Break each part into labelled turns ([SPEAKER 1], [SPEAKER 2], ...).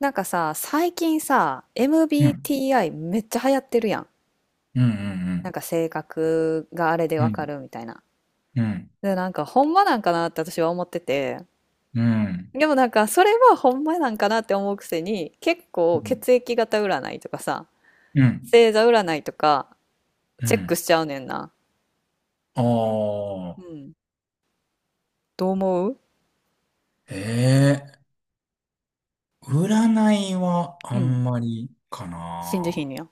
[SPEAKER 1] なんかさ、最近さ、
[SPEAKER 2] うん、
[SPEAKER 1] MBTI めっちゃ流行ってるやん。
[SPEAKER 2] う
[SPEAKER 1] な
[SPEAKER 2] ん、
[SPEAKER 1] んか性格があれで
[SPEAKER 2] うん、う
[SPEAKER 1] わか
[SPEAKER 2] ん、
[SPEAKER 1] るみたいな。
[SPEAKER 2] うん、
[SPEAKER 1] で、なんかほんまなんかなって私は思ってて。
[SPEAKER 2] うん、
[SPEAKER 1] でもなんかそれはほんまなんかなって思うくせに、結
[SPEAKER 2] う
[SPEAKER 1] 構
[SPEAKER 2] ん、
[SPEAKER 1] 血液型占いとかさ、
[SPEAKER 2] うん、
[SPEAKER 1] 星座占いとか
[SPEAKER 2] う
[SPEAKER 1] チェック
[SPEAKER 2] ん。
[SPEAKER 1] しちゃうねんな。
[SPEAKER 2] あ
[SPEAKER 1] う
[SPEAKER 2] あ、
[SPEAKER 1] ん。どう思う？
[SPEAKER 2] ええ占いはあ
[SPEAKER 1] うん。
[SPEAKER 2] んまりか
[SPEAKER 1] 信じひ
[SPEAKER 2] な。
[SPEAKER 1] んのや。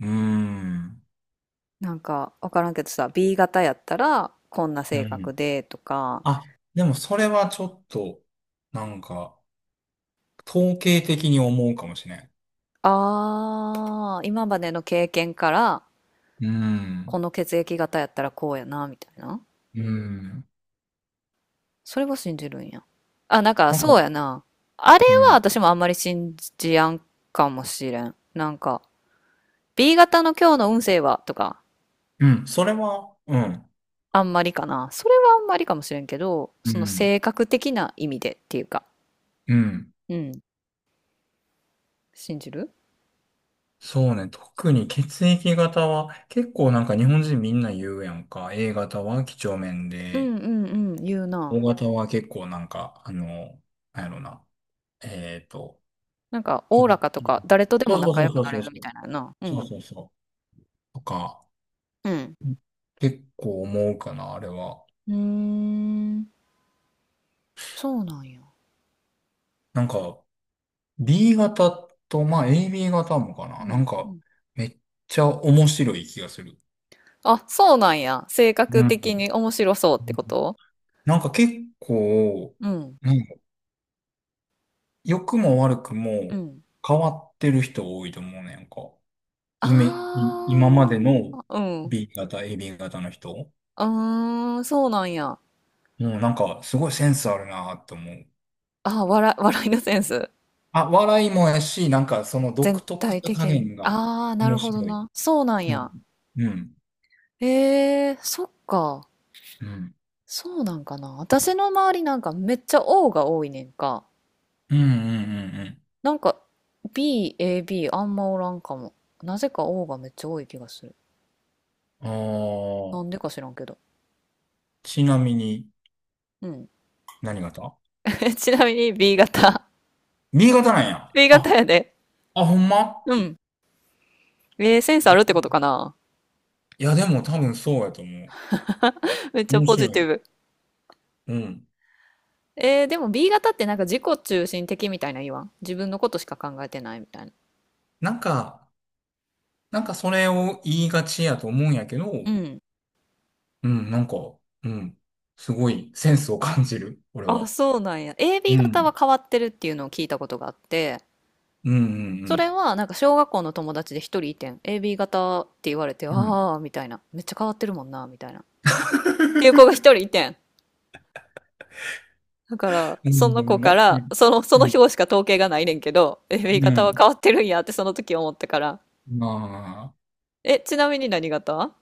[SPEAKER 2] うーん、
[SPEAKER 1] なんかわからんけどさ、B 型やったらこんな
[SPEAKER 2] う
[SPEAKER 1] 性格
[SPEAKER 2] ん。
[SPEAKER 1] でとか、
[SPEAKER 2] あ、でもそれはちょっと、なんか、統計的に思うかもしれん。
[SPEAKER 1] あー、今までの経験から、
[SPEAKER 2] う
[SPEAKER 1] こ
[SPEAKER 2] ん、
[SPEAKER 1] の血液型やったらこうやな、みたいな。
[SPEAKER 2] うん。
[SPEAKER 1] それは信じるんや。あ、なんか、
[SPEAKER 2] なんか、
[SPEAKER 1] そうやな。あれ
[SPEAKER 2] う
[SPEAKER 1] は
[SPEAKER 2] ん、
[SPEAKER 1] 私もあんまり信じやんかもしれん。なんか、B 型の今日の運勢はとか、
[SPEAKER 2] うん、それは、うん、
[SPEAKER 1] あんまりかな。それはあんまりかもしれんけど、
[SPEAKER 2] う
[SPEAKER 1] その
[SPEAKER 2] ん、
[SPEAKER 1] 性格的な意味でっていうか、
[SPEAKER 2] うん。
[SPEAKER 1] うん。信じる？
[SPEAKER 2] そうね。特に血液型は結構なんか日本人みんな言うやんか。A 型は几帳面
[SPEAKER 1] うん
[SPEAKER 2] で、
[SPEAKER 1] うんうん、言う
[SPEAKER 2] O
[SPEAKER 1] な。
[SPEAKER 2] 型は結構なんか、あの、なんやろな。えっと、
[SPEAKER 1] なんか、お
[SPEAKER 2] い
[SPEAKER 1] おら
[SPEAKER 2] い、
[SPEAKER 1] かと
[SPEAKER 2] いい
[SPEAKER 1] か、誰とでも
[SPEAKER 2] そう
[SPEAKER 1] 仲
[SPEAKER 2] そ
[SPEAKER 1] 良
[SPEAKER 2] うそ
[SPEAKER 1] く
[SPEAKER 2] う
[SPEAKER 1] なれ
[SPEAKER 2] そう
[SPEAKER 1] る
[SPEAKER 2] そ
[SPEAKER 1] みた
[SPEAKER 2] う。
[SPEAKER 1] いなやな。う
[SPEAKER 2] そう
[SPEAKER 1] ん。
[SPEAKER 2] そうそう。とか、
[SPEAKER 1] うん。
[SPEAKER 2] 結構思うかな、あれは。
[SPEAKER 1] うーん、そうなんや。
[SPEAKER 2] なんか、B 型と、まあ AB 型もか
[SPEAKER 1] う
[SPEAKER 2] な。な
[SPEAKER 1] ん。
[SPEAKER 2] ん
[SPEAKER 1] う
[SPEAKER 2] か、
[SPEAKER 1] ん、
[SPEAKER 2] めっちゃ面白い気がする。
[SPEAKER 1] あ、そうなんや。性
[SPEAKER 2] う
[SPEAKER 1] 格的
[SPEAKER 2] ん。
[SPEAKER 1] に面白そうってこと？
[SPEAKER 2] なんか結構、
[SPEAKER 1] うん。
[SPEAKER 2] なん良くも悪く
[SPEAKER 1] う
[SPEAKER 2] も
[SPEAKER 1] ん。
[SPEAKER 2] 変わってる人多いと思うねんか。イメ、
[SPEAKER 1] ああ、
[SPEAKER 2] 今までの
[SPEAKER 1] うん。う
[SPEAKER 2] B 型、AB 型の人。も
[SPEAKER 1] ーん、そうなんや。
[SPEAKER 2] うなんかすごいセンスあるなって思う。
[SPEAKER 1] あー、笑いのセンス。
[SPEAKER 2] あ、笑いもやし、なんかその独
[SPEAKER 1] 全
[SPEAKER 2] 特
[SPEAKER 1] 体
[SPEAKER 2] さ加
[SPEAKER 1] 的に。
[SPEAKER 2] 減が
[SPEAKER 1] ああ、な
[SPEAKER 2] 面
[SPEAKER 1] るほど
[SPEAKER 2] 白い。
[SPEAKER 1] な。そうなん
[SPEAKER 2] うん。
[SPEAKER 1] や。
[SPEAKER 2] うん。
[SPEAKER 1] ええ、そっか。
[SPEAKER 2] うん。
[SPEAKER 1] そうなんかな。私の周りなんかめっちゃ O が多いねんか。
[SPEAKER 2] うんうん
[SPEAKER 1] なんか B、A、B あんまおらんかも。なぜか O がめっちゃ多い気がする。
[SPEAKER 2] うんうん。あ
[SPEAKER 1] なんで
[SPEAKER 2] あ、
[SPEAKER 1] か知らんけど。
[SPEAKER 2] ちなみに
[SPEAKER 1] うん。
[SPEAKER 2] 何型？
[SPEAKER 1] ちなみに B 型。
[SPEAKER 2] B 型なん や。
[SPEAKER 1] B 型
[SPEAKER 2] あ、
[SPEAKER 1] やで。
[SPEAKER 2] あ、ほんま。
[SPEAKER 1] うん。センスあるってことかな。
[SPEAKER 2] いやでも多分そうやと思う。
[SPEAKER 1] めっちゃ
[SPEAKER 2] 面
[SPEAKER 1] ポ
[SPEAKER 2] 白
[SPEAKER 1] ジテ
[SPEAKER 2] い。
[SPEAKER 1] ィブ。
[SPEAKER 2] うん。
[SPEAKER 1] でも B 型ってなんか自己中心的みたいな言わん？自分のことしか考えてないみたいな。
[SPEAKER 2] なんか、それを言いがちやと思うんやけど、
[SPEAKER 1] うん。
[SPEAKER 2] うん、なんか、うん、すごいセンスを感じる、俺
[SPEAKER 1] あ、
[SPEAKER 2] は。
[SPEAKER 1] そうなんや。
[SPEAKER 2] う
[SPEAKER 1] AB 型は
[SPEAKER 2] ん。
[SPEAKER 1] 変わってるっていうのを聞いたことがあって、
[SPEAKER 2] うん、う
[SPEAKER 1] それ
[SPEAKER 2] ん、
[SPEAKER 1] はなんか小学校の友達で一人いてん。AB 型って言われて、
[SPEAKER 2] うん。うん。
[SPEAKER 1] ああ、みたいな。めっちゃ変わってるもんな、みたいな、っていう子が一人いてん。だから、
[SPEAKER 2] う
[SPEAKER 1] その子
[SPEAKER 2] んな
[SPEAKER 1] か
[SPEAKER 2] るほど
[SPEAKER 1] ら、
[SPEAKER 2] ね。
[SPEAKER 1] その、そ
[SPEAKER 2] う
[SPEAKER 1] の
[SPEAKER 2] んうん。
[SPEAKER 1] 表しか統計がないねんけど、AB
[SPEAKER 2] う
[SPEAKER 1] 型は
[SPEAKER 2] ん
[SPEAKER 1] 変わってるんやってその時思ってから。
[SPEAKER 2] まあ、
[SPEAKER 1] え、ちなみに何型？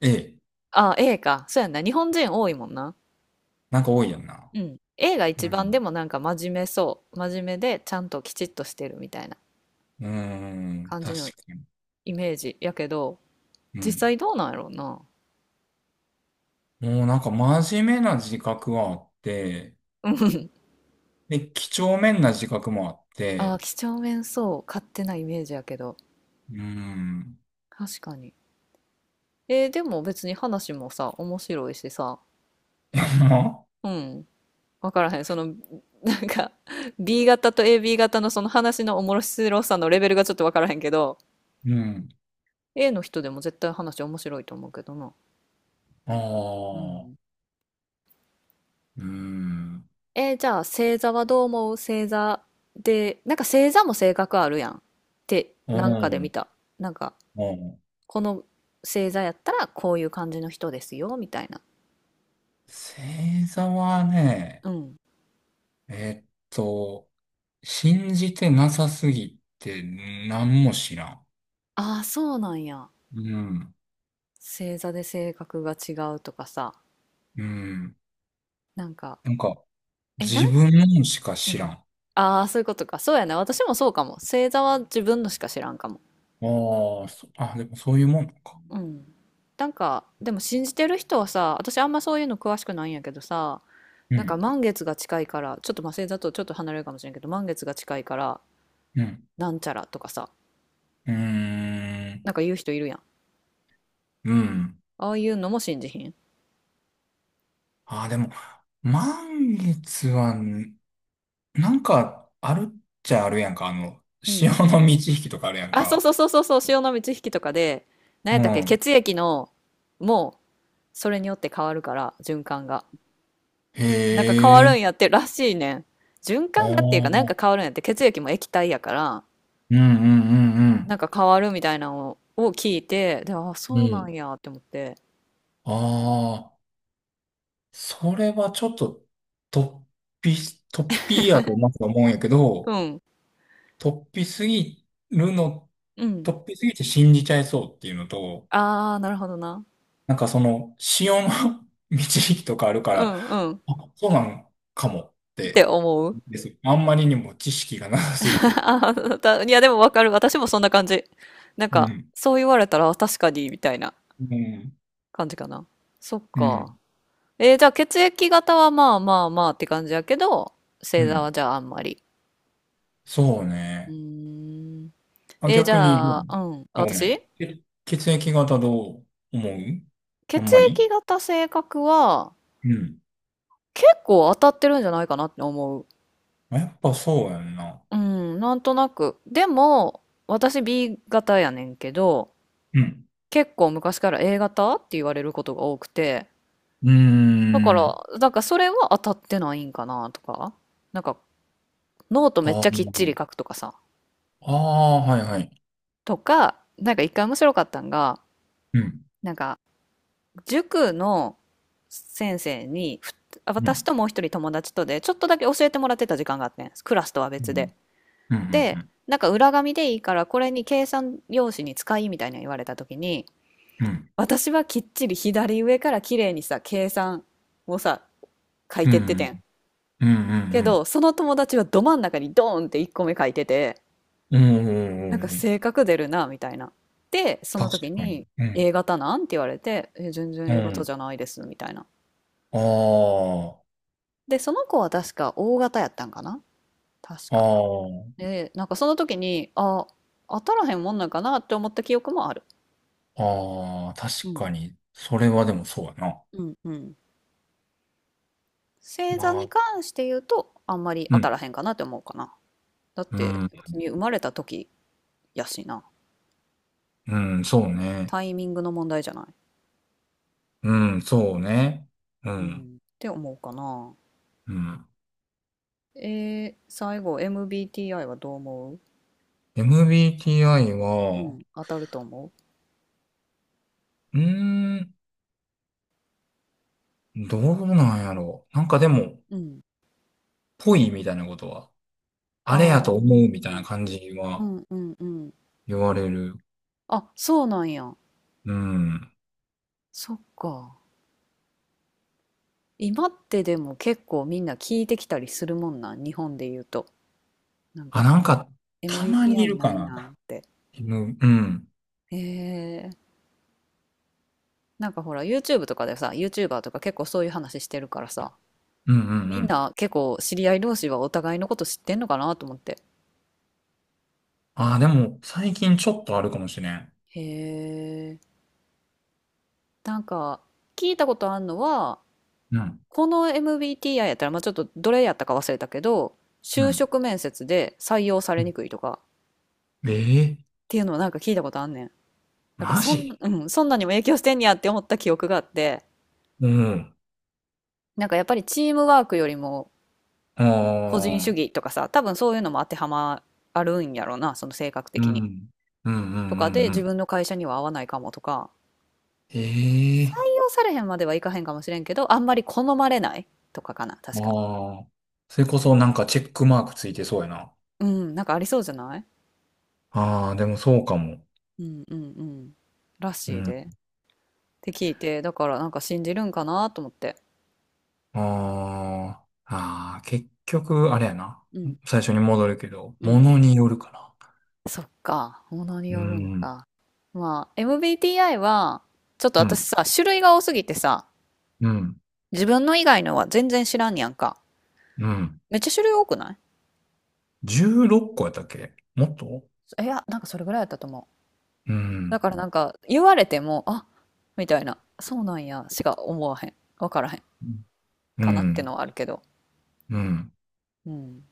[SPEAKER 2] ええ、
[SPEAKER 1] あ、A か。そうやんな。日本人多いもんな。
[SPEAKER 2] なんか多いやんな。
[SPEAKER 1] うん。A が
[SPEAKER 2] う
[SPEAKER 1] 一番で
[SPEAKER 2] ん。
[SPEAKER 1] もなんか真面目そう。真面目でちゃんときちっとしてるみたいな
[SPEAKER 2] うーん、
[SPEAKER 1] 感
[SPEAKER 2] 確
[SPEAKER 1] じの
[SPEAKER 2] かに。
[SPEAKER 1] イメージやけど、
[SPEAKER 2] う
[SPEAKER 1] 実
[SPEAKER 2] ん。
[SPEAKER 1] 際どうなんやろうな。
[SPEAKER 2] もうなんか真面目な自覚はあって、
[SPEAKER 1] うん。
[SPEAKER 2] で、几帳面な自覚もあっ
[SPEAKER 1] ああ、
[SPEAKER 2] て、
[SPEAKER 1] 几帳面そう。勝手なイメージやけど。
[SPEAKER 2] うーん。
[SPEAKER 1] 確かに。でも別に話もさ、面白いしさ。うん。わからへん。その、なんか、B 型と AB 型のその話の面白さのレベルがちょっとわからへんけど、
[SPEAKER 2] うん。
[SPEAKER 1] A の人でも絶対話面白いと思うけどな。う
[SPEAKER 2] あ
[SPEAKER 1] ん。
[SPEAKER 2] あ、うーん。
[SPEAKER 1] じゃあ星座はどう思う？星座で、なんか星座も性格あるやんって
[SPEAKER 2] う
[SPEAKER 1] なんかで見
[SPEAKER 2] ん。
[SPEAKER 1] た。なんか
[SPEAKER 2] うん。
[SPEAKER 1] この星座やったらこういう感じの人ですよみたいな。
[SPEAKER 2] 星座はね、
[SPEAKER 1] うん。
[SPEAKER 2] えーっと、信じてなさすぎて何も知らん。
[SPEAKER 1] ああ、そうなんや。
[SPEAKER 2] うん。
[SPEAKER 1] 星座で性格が違うとかさ。
[SPEAKER 2] うん。
[SPEAKER 1] なんか、
[SPEAKER 2] なんか、
[SPEAKER 1] え、
[SPEAKER 2] 自分のしか
[SPEAKER 1] う
[SPEAKER 2] 知らん。
[SPEAKER 1] ん。
[SPEAKER 2] あ
[SPEAKER 1] ああ、そういうことか。そうやな。私もそうかも。星座は自分のしか知らんかも。
[SPEAKER 2] あ、でもそういうもんか。
[SPEAKER 1] うん。なんか、でも信じてる人はさ、私あんまそういうの詳しくないんやけどさ、
[SPEAKER 2] う
[SPEAKER 1] なんか
[SPEAKER 2] ん。
[SPEAKER 1] 満月が近いから、ちょっとまあ星座とちょっと離れるかもしれんけど、満月が近いから
[SPEAKER 2] うん。
[SPEAKER 1] なんちゃらとかさ、
[SPEAKER 2] うーん。
[SPEAKER 1] なんか言う人いるやん。
[SPEAKER 2] うん。
[SPEAKER 1] ああいうのも信じひん？
[SPEAKER 2] ああ、でも、満月は、なんか、あるっちゃあるやんか。あの、
[SPEAKER 1] うんうん。
[SPEAKER 2] 潮の満ち引きとかあるやん
[SPEAKER 1] あ、そうそ
[SPEAKER 2] か。
[SPEAKER 1] うそうそうそう、潮の満ち引きとかで、何やっ
[SPEAKER 2] う
[SPEAKER 1] たっけ、
[SPEAKER 2] ん。
[SPEAKER 1] 血液の、もうそれによって変わるから、循環がなんか変わ
[SPEAKER 2] へ
[SPEAKER 1] るん
[SPEAKER 2] え。
[SPEAKER 1] やってらしいねん。循
[SPEAKER 2] あ
[SPEAKER 1] 環がっていうか、なんか
[SPEAKER 2] あ。
[SPEAKER 1] 変わるんやって。血液も液体やから、
[SPEAKER 2] うんうんう
[SPEAKER 1] なん
[SPEAKER 2] ん
[SPEAKER 1] か変わるみたいなのを聞いて、で、あ、
[SPEAKER 2] う
[SPEAKER 1] そ
[SPEAKER 2] ん。
[SPEAKER 1] う
[SPEAKER 2] う
[SPEAKER 1] なん
[SPEAKER 2] ん。
[SPEAKER 1] やって思って。
[SPEAKER 2] ああ、それはちょっと、突突飛やとまず思うんやけ
[SPEAKER 1] う
[SPEAKER 2] ど、
[SPEAKER 1] ん
[SPEAKER 2] 突飛すぎるの、
[SPEAKER 1] うん、
[SPEAKER 2] 突飛すぎて信じちゃいそうっていうのと、
[SPEAKER 1] ああー、なるほどな。
[SPEAKER 2] なんかその、潮の 導きとかあるか
[SPEAKER 1] う
[SPEAKER 2] ら、
[SPEAKER 1] んうん、
[SPEAKER 2] あ、そうなんかもっ
[SPEAKER 1] って
[SPEAKER 2] て、
[SPEAKER 1] 思う。
[SPEAKER 2] です。あんまりにも知識がなさすぎ て。
[SPEAKER 1] いや、でもわかる。私もそんな感じ。なん
[SPEAKER 2] う
[SPEAKER 1] か、
[SPEAKER 2] ん。
[SPEAKER 1] そう言われたら、あ、確かに、みたいな
[SPEAKER 2] うん。
[SPEAKER 1] 感じかな。そっ
[SPEAKER 2] う
[SPEAKER 1] か。
[SPEAKER 2] ん。
[SPEAKER 1] じゃあ血液型はまあまあまあって感じやけど、
[SPEAKER 2] う
[SPEAKER 1] 星座は
[SPEAKER 2] ん。
[SPEAKER 1] じゃああんまり。
[SPEAKER 2] そう
[SPEAKER 1] うー
[SPEAKER 2] ね。
[SPEAKER 1] ん。
[SPEAKER 2] あ、
[SPEAKER 1] じ
[SPEAKER 2] 逆にど
[SPEAKER 1] ゃ
[SPEAKER 2] うな
[SPEAKER 1] あ、
[SPEAKER 2] の？
[SPEAKER 1] うん。
[SPEAKER 2] あ、ごめん。
[SPEAKER 1] 私、
[SPEAKER 2] 血液型どう思う？あん
[SPEAKER 1] 血
[SPEAKER 2] ま
[SPEAKER 1] 液
[SPEAKER 2] り。
[SPEAKER 1] 型性格は、
[SPEAKER 2] うん。
[SPEAKER 1] 結構当たってるんじゃないかなって思う。
[SPEAKER 2] あやっぱそうやんな。
[SPEAKER 1] うん、なんとなく。でも、私 B 型やねんけど、
[SPEAKER 2] うん。
[SPEAKER 1] 結構昔から A 型って言われることが多くて、
[SPEAKER 2] うー
[SPEAKER 1] だから、
[SPEAKER 2] ん。
[SPEAKER 1] なんかそれは当たってないんかなとか、なんかノートめっ
[SPEAKER 2] あ
[SPEAKER 1] ちゃきっちり
[SPEAKER 2] ー
[SPEAKER 1] 書くとかさ、
[SPEAKER 2] あー、はいはい。
[SPEAKER 1] とか、なんか一回面白かったんが、
[SPEAKER 2] うん。
[SPEAKER 1] なんか塾の先生に、
[SPEAKER 2] う
[SPEAKER 1] 私
[SPEAKER 2] ん。
[SPEAKER 1] ともう一人友達とで、ちょっとだけ教えてもらってた時間があってん。クラスとは
[SPEAKER 2] う
[SPEAKER 1] 別で。
[SPEAKER 2] ん。う
[SPEAKER 1] で、
[SPEAKER 2] ん。
[SPEAKER 1] なんか裏紙でいいから、これに計算用紙に使いみたいな言われた時に、
[SPEAKER 2] うん。うん。
[SPEAKER 1] 私はきっちり左上から綺麗にさ、計算をさ、書い
[SPEAKER 2] う
[SPEAKER 1] てってて
[SPEAKER 2] ん。
[SPEAKER 1] ん。
[SPEAKER 2] うん。うん。う
[SPEAKER 1] け
[SPEAKER 2] ん。
[SPEAKER 1] ど、その友達はど真ん中にドーンって1個目書いてて、
[SPEAKER 2] うんうんう
[SPEAKER 1] なんか
[SPEAKER 2] んうん
[SPEAKER 1] 性格出るな、みたいな。で、その
[SPEAKER 2] 確
[SPEAKER 1] 時
[SPEAKER 2] かに。
[SPEAKER 1] に、
[SPEAKER 2] うん。
[SPEAKER 1] A 型なんって言われて、え、全然
[SPEAKER 2] う
[SPEAKER 1] A 型じ
[SPEAKER 2] ん。
[SPEAKER 1] ゃないです、みたいな。
[SPEAKER 2] あ
[SPEAKER 1] で、その子は確か O 型やったんかな、確
[SPEAKER 2] あ、
[SPEAKER 1] か。
[SPEAKER 2] あ
[SPEAKER 1] で、なんかその時に、あ、当たらへんもんなんかなって思った記憶もある。
[SPEAKER 2] あ、ああ、
[SPEAKER 1] う
[SPEAKER 2] 確
[SPEAKER 1] ん。
[SPEAKER 2] かに。それはでもそうやな。
[SPEAKER 1] うんうん。星座
[SPEAKER 2] ま
[SPEAKER 1] に
[SPEAKER 2] あ、
[SPEAKER 1] 関して言うと、あんまり
[SPEAKER 2] う
[SPEAKER 1] 当たら
[SPEAKER 2] ん。
[SPEAKER 1] へんかなって思うかな。だっ
[SPEAKER 2] う
[SPEAKER 1] て、
[SPEAKER 2] ん。
[SPEAKER 1] 別に生まれた時やしな。
[SPEAKER 2] うん、そうね。
[SPEAKER 1] タイミングの問題じゃない？
[SPEAKER 2] うん、そうね。う
[SPEAKER 1] う
[SPEAKER 2] ん、
[SPEAKER 1] ん。って思うかな。
[SPEAKER 2] うん。
[SPEAKER 1] 最後 MBTI はどう思う？
[SPEAKER 2] MBTI
[SPEAKER 1] う
[SPEAKER 2] は、
[SPEAKER 1] ん、当たると思
[SPEAKER 2] うーん、どうなんやろう。なんかでも、
[SPEAKER 1] う？うん。
[SPEAKER 2] ぽいみたいなことは、あれ
[SPEAKER 1] ああ、
[SPEAKER 2] やと思うみたいな感じ
[SPEAKER 1] う
[SPEAKER 2] は
[SPEAKER 1] んうんうん。
[SPEAKER 2] 言われる。
[SPEAKER 1] あ、そうなんや。
[SPEAKER 2] うん。
[SPEAKER 1] そっか。今ってでも結構みんな聞いてきたりするもんな、日本で言うと。なん
[SPEAKER 2] あ、
[SPEAKER 1] か、
[SPEAKER 2] なんか、たまにい
[SPEAKER 1] MBTI
[SPEAKER 2] る
[SPEAKER 1] な
[SPEAKER 2] か
[SPEAKER 1] いなっ
[SPEAKER 2] な。
[SPEAKER 1] て。
[SPEAKER 2] うん、うん、
[SPEAKER 1] へえ。なんかほら、YouTube とかでさ、YouTuber とか結構そういう話してるからさ、
[SPEAKER 2] うん、う
[SPEAKER 1] みん
[SPEAKER 2] ん。
[SPEAKER 1] な結構知り合い同士はお互いのこと知ってんのかなと思って。
[SPEAKER 2] あ、でも、最近ちょっとあるかもしれん。
[SPEAKER 1] へえ。なんか、聞いたことあんのは、
[SPEAKER 2] うん、
[SPEAKER 1] この MBTI やったら、まあ、ちょっとどれやったか忘れたけど、
[SPEAKER 2] う
[SPEAKER 1] 就
[SPEAKER 2] ん。
[SPEAKER 1] 職面接で採用さ
[SPEAKER 2] う
[SPEAKER 1] れに
[SPEAKER 2] ん
[SPEAKER 1] くいとかっ
[SPEAKER 2] ええ
[SPEAKER 1] ていうのをなんか聞いたことあんねん。だから
[SPEAKER 2] マジ？
[SPEAKER 1] うん、そんなにも影響してんやって思った記憶があって、
[SPEAKER 2] うん。
[SPEAKER 1] なんかやっぱりチームワークよりも
[SPEAKER 2] あ
[SPEAKER 1] 個人主
[SPEAKER 2] あ、
[SPEAKER 1] 義とかさ、多分そういうのも当てはまあるんやろうな、その性格
[SPEAKER 2] う
[SPEAKER 1] 的に。
[SPEAKER 2] ん、うん、うん、う
[SPEAKER 1] とかで
[SPEAKER 2] ん、う
[SPEAKER 1] 自
[SPEAKER 2] ん。
[SPEAKER 1] 分の会社には合わないかもとか、採
[SPEAKER 2] ええ
[SPEAKER 1] 用されへんまではいかへんかもしれんけど、あんまり好まれないとかかな、確か。
[SPEAKER 2] ああ。それこそなんかチェックマークついてそうやな。
[SPEAKER 1] うん、なんかありそうじゃない？
[SPEAKER 2] ああ、でもそうかも。
[SPEAKER 1] うんうんうん。ら
[SPEAKER 2] う
[SPEAKER 1] しい
[SPEAKER 2] ん。
[SPEAKER 1] で。て聞いて、だからなんか信じるんかなと思って。
[SPEAKER 2] ああ、ああ、結局、あれやな。
[SPEAKER 1] うん、
[SPEAKER 2] 最初に戻るけど、
[SPEAKER 1] う
[SPEAKER 2] も
[SPEAKER 1] ん、
[SPEAKER 2] のによるかな。
[SPEAKER 1] そっか、ものに
[SPEAKER 2] う
[SPEAKER 1] よるん
[SPEAKER 2] ん、
[SPEAKER 1] か。まあ、MBTI は、ちょっと
[SPEAKER 2] う
[SPEAKER 1] 私
[SPEAKER 2] ん、
[SPEAKER 1] さ、種類が多すぎてさ、
[SPEAKER 2] うん、
[SPEAKER 1] 自分の以外のは全然知らんやんか。
[SPEAKER 2] うん。
[SPEAKER 1] めっちゃ種類多くない？
[SPEAKER 2] 16個やったっけ？もっと？
[SPEAKER 1] いや、なんかそれぐらいやったと思う。
[SPEAKER 2] うん、
[SPEAKER 1] だからなんか、言われても、あ、みたいな、そうなんや、しか思わへん。わからへん。
[SPEAKER 2] う
[SPEAKER 1] かなっての
[SPEAKER 2] ん、
[SPEAKER 1] はあるけど。
[SPEAKER 2] うん。
[SPEAKER 1] うん。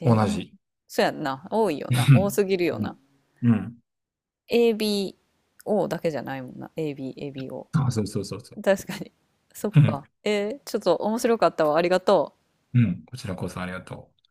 [SPEAKER 1] えー、お
[SPEAKER 2] 同
[SPEAKER 1] も
[SPEAKER 2] じ。
[SPEAKER 1] そうやんな。多い よな。
[SPEAKER 2] う
[SPEAKER 1] 多
[SPEAKER 2] ん、
[SPEAKER 1] すぎるよ
[SPEAKER 2] うん。
[SPEAKER 1] な。
[SPEAKER 2] うん
[SPEAKER 1] ABO だけじゃないもんな。AB、
[SPEAKER 2] あ、そうそうそうそう。
[SPEAKER 1] ABO。確かに。そっ
[SPEAKER 2] うん、
[SPEAKER 1] か。ちょっと面白かったわ。ありがとう。
[SPEAKER 2] うん。こちらこそありがとう。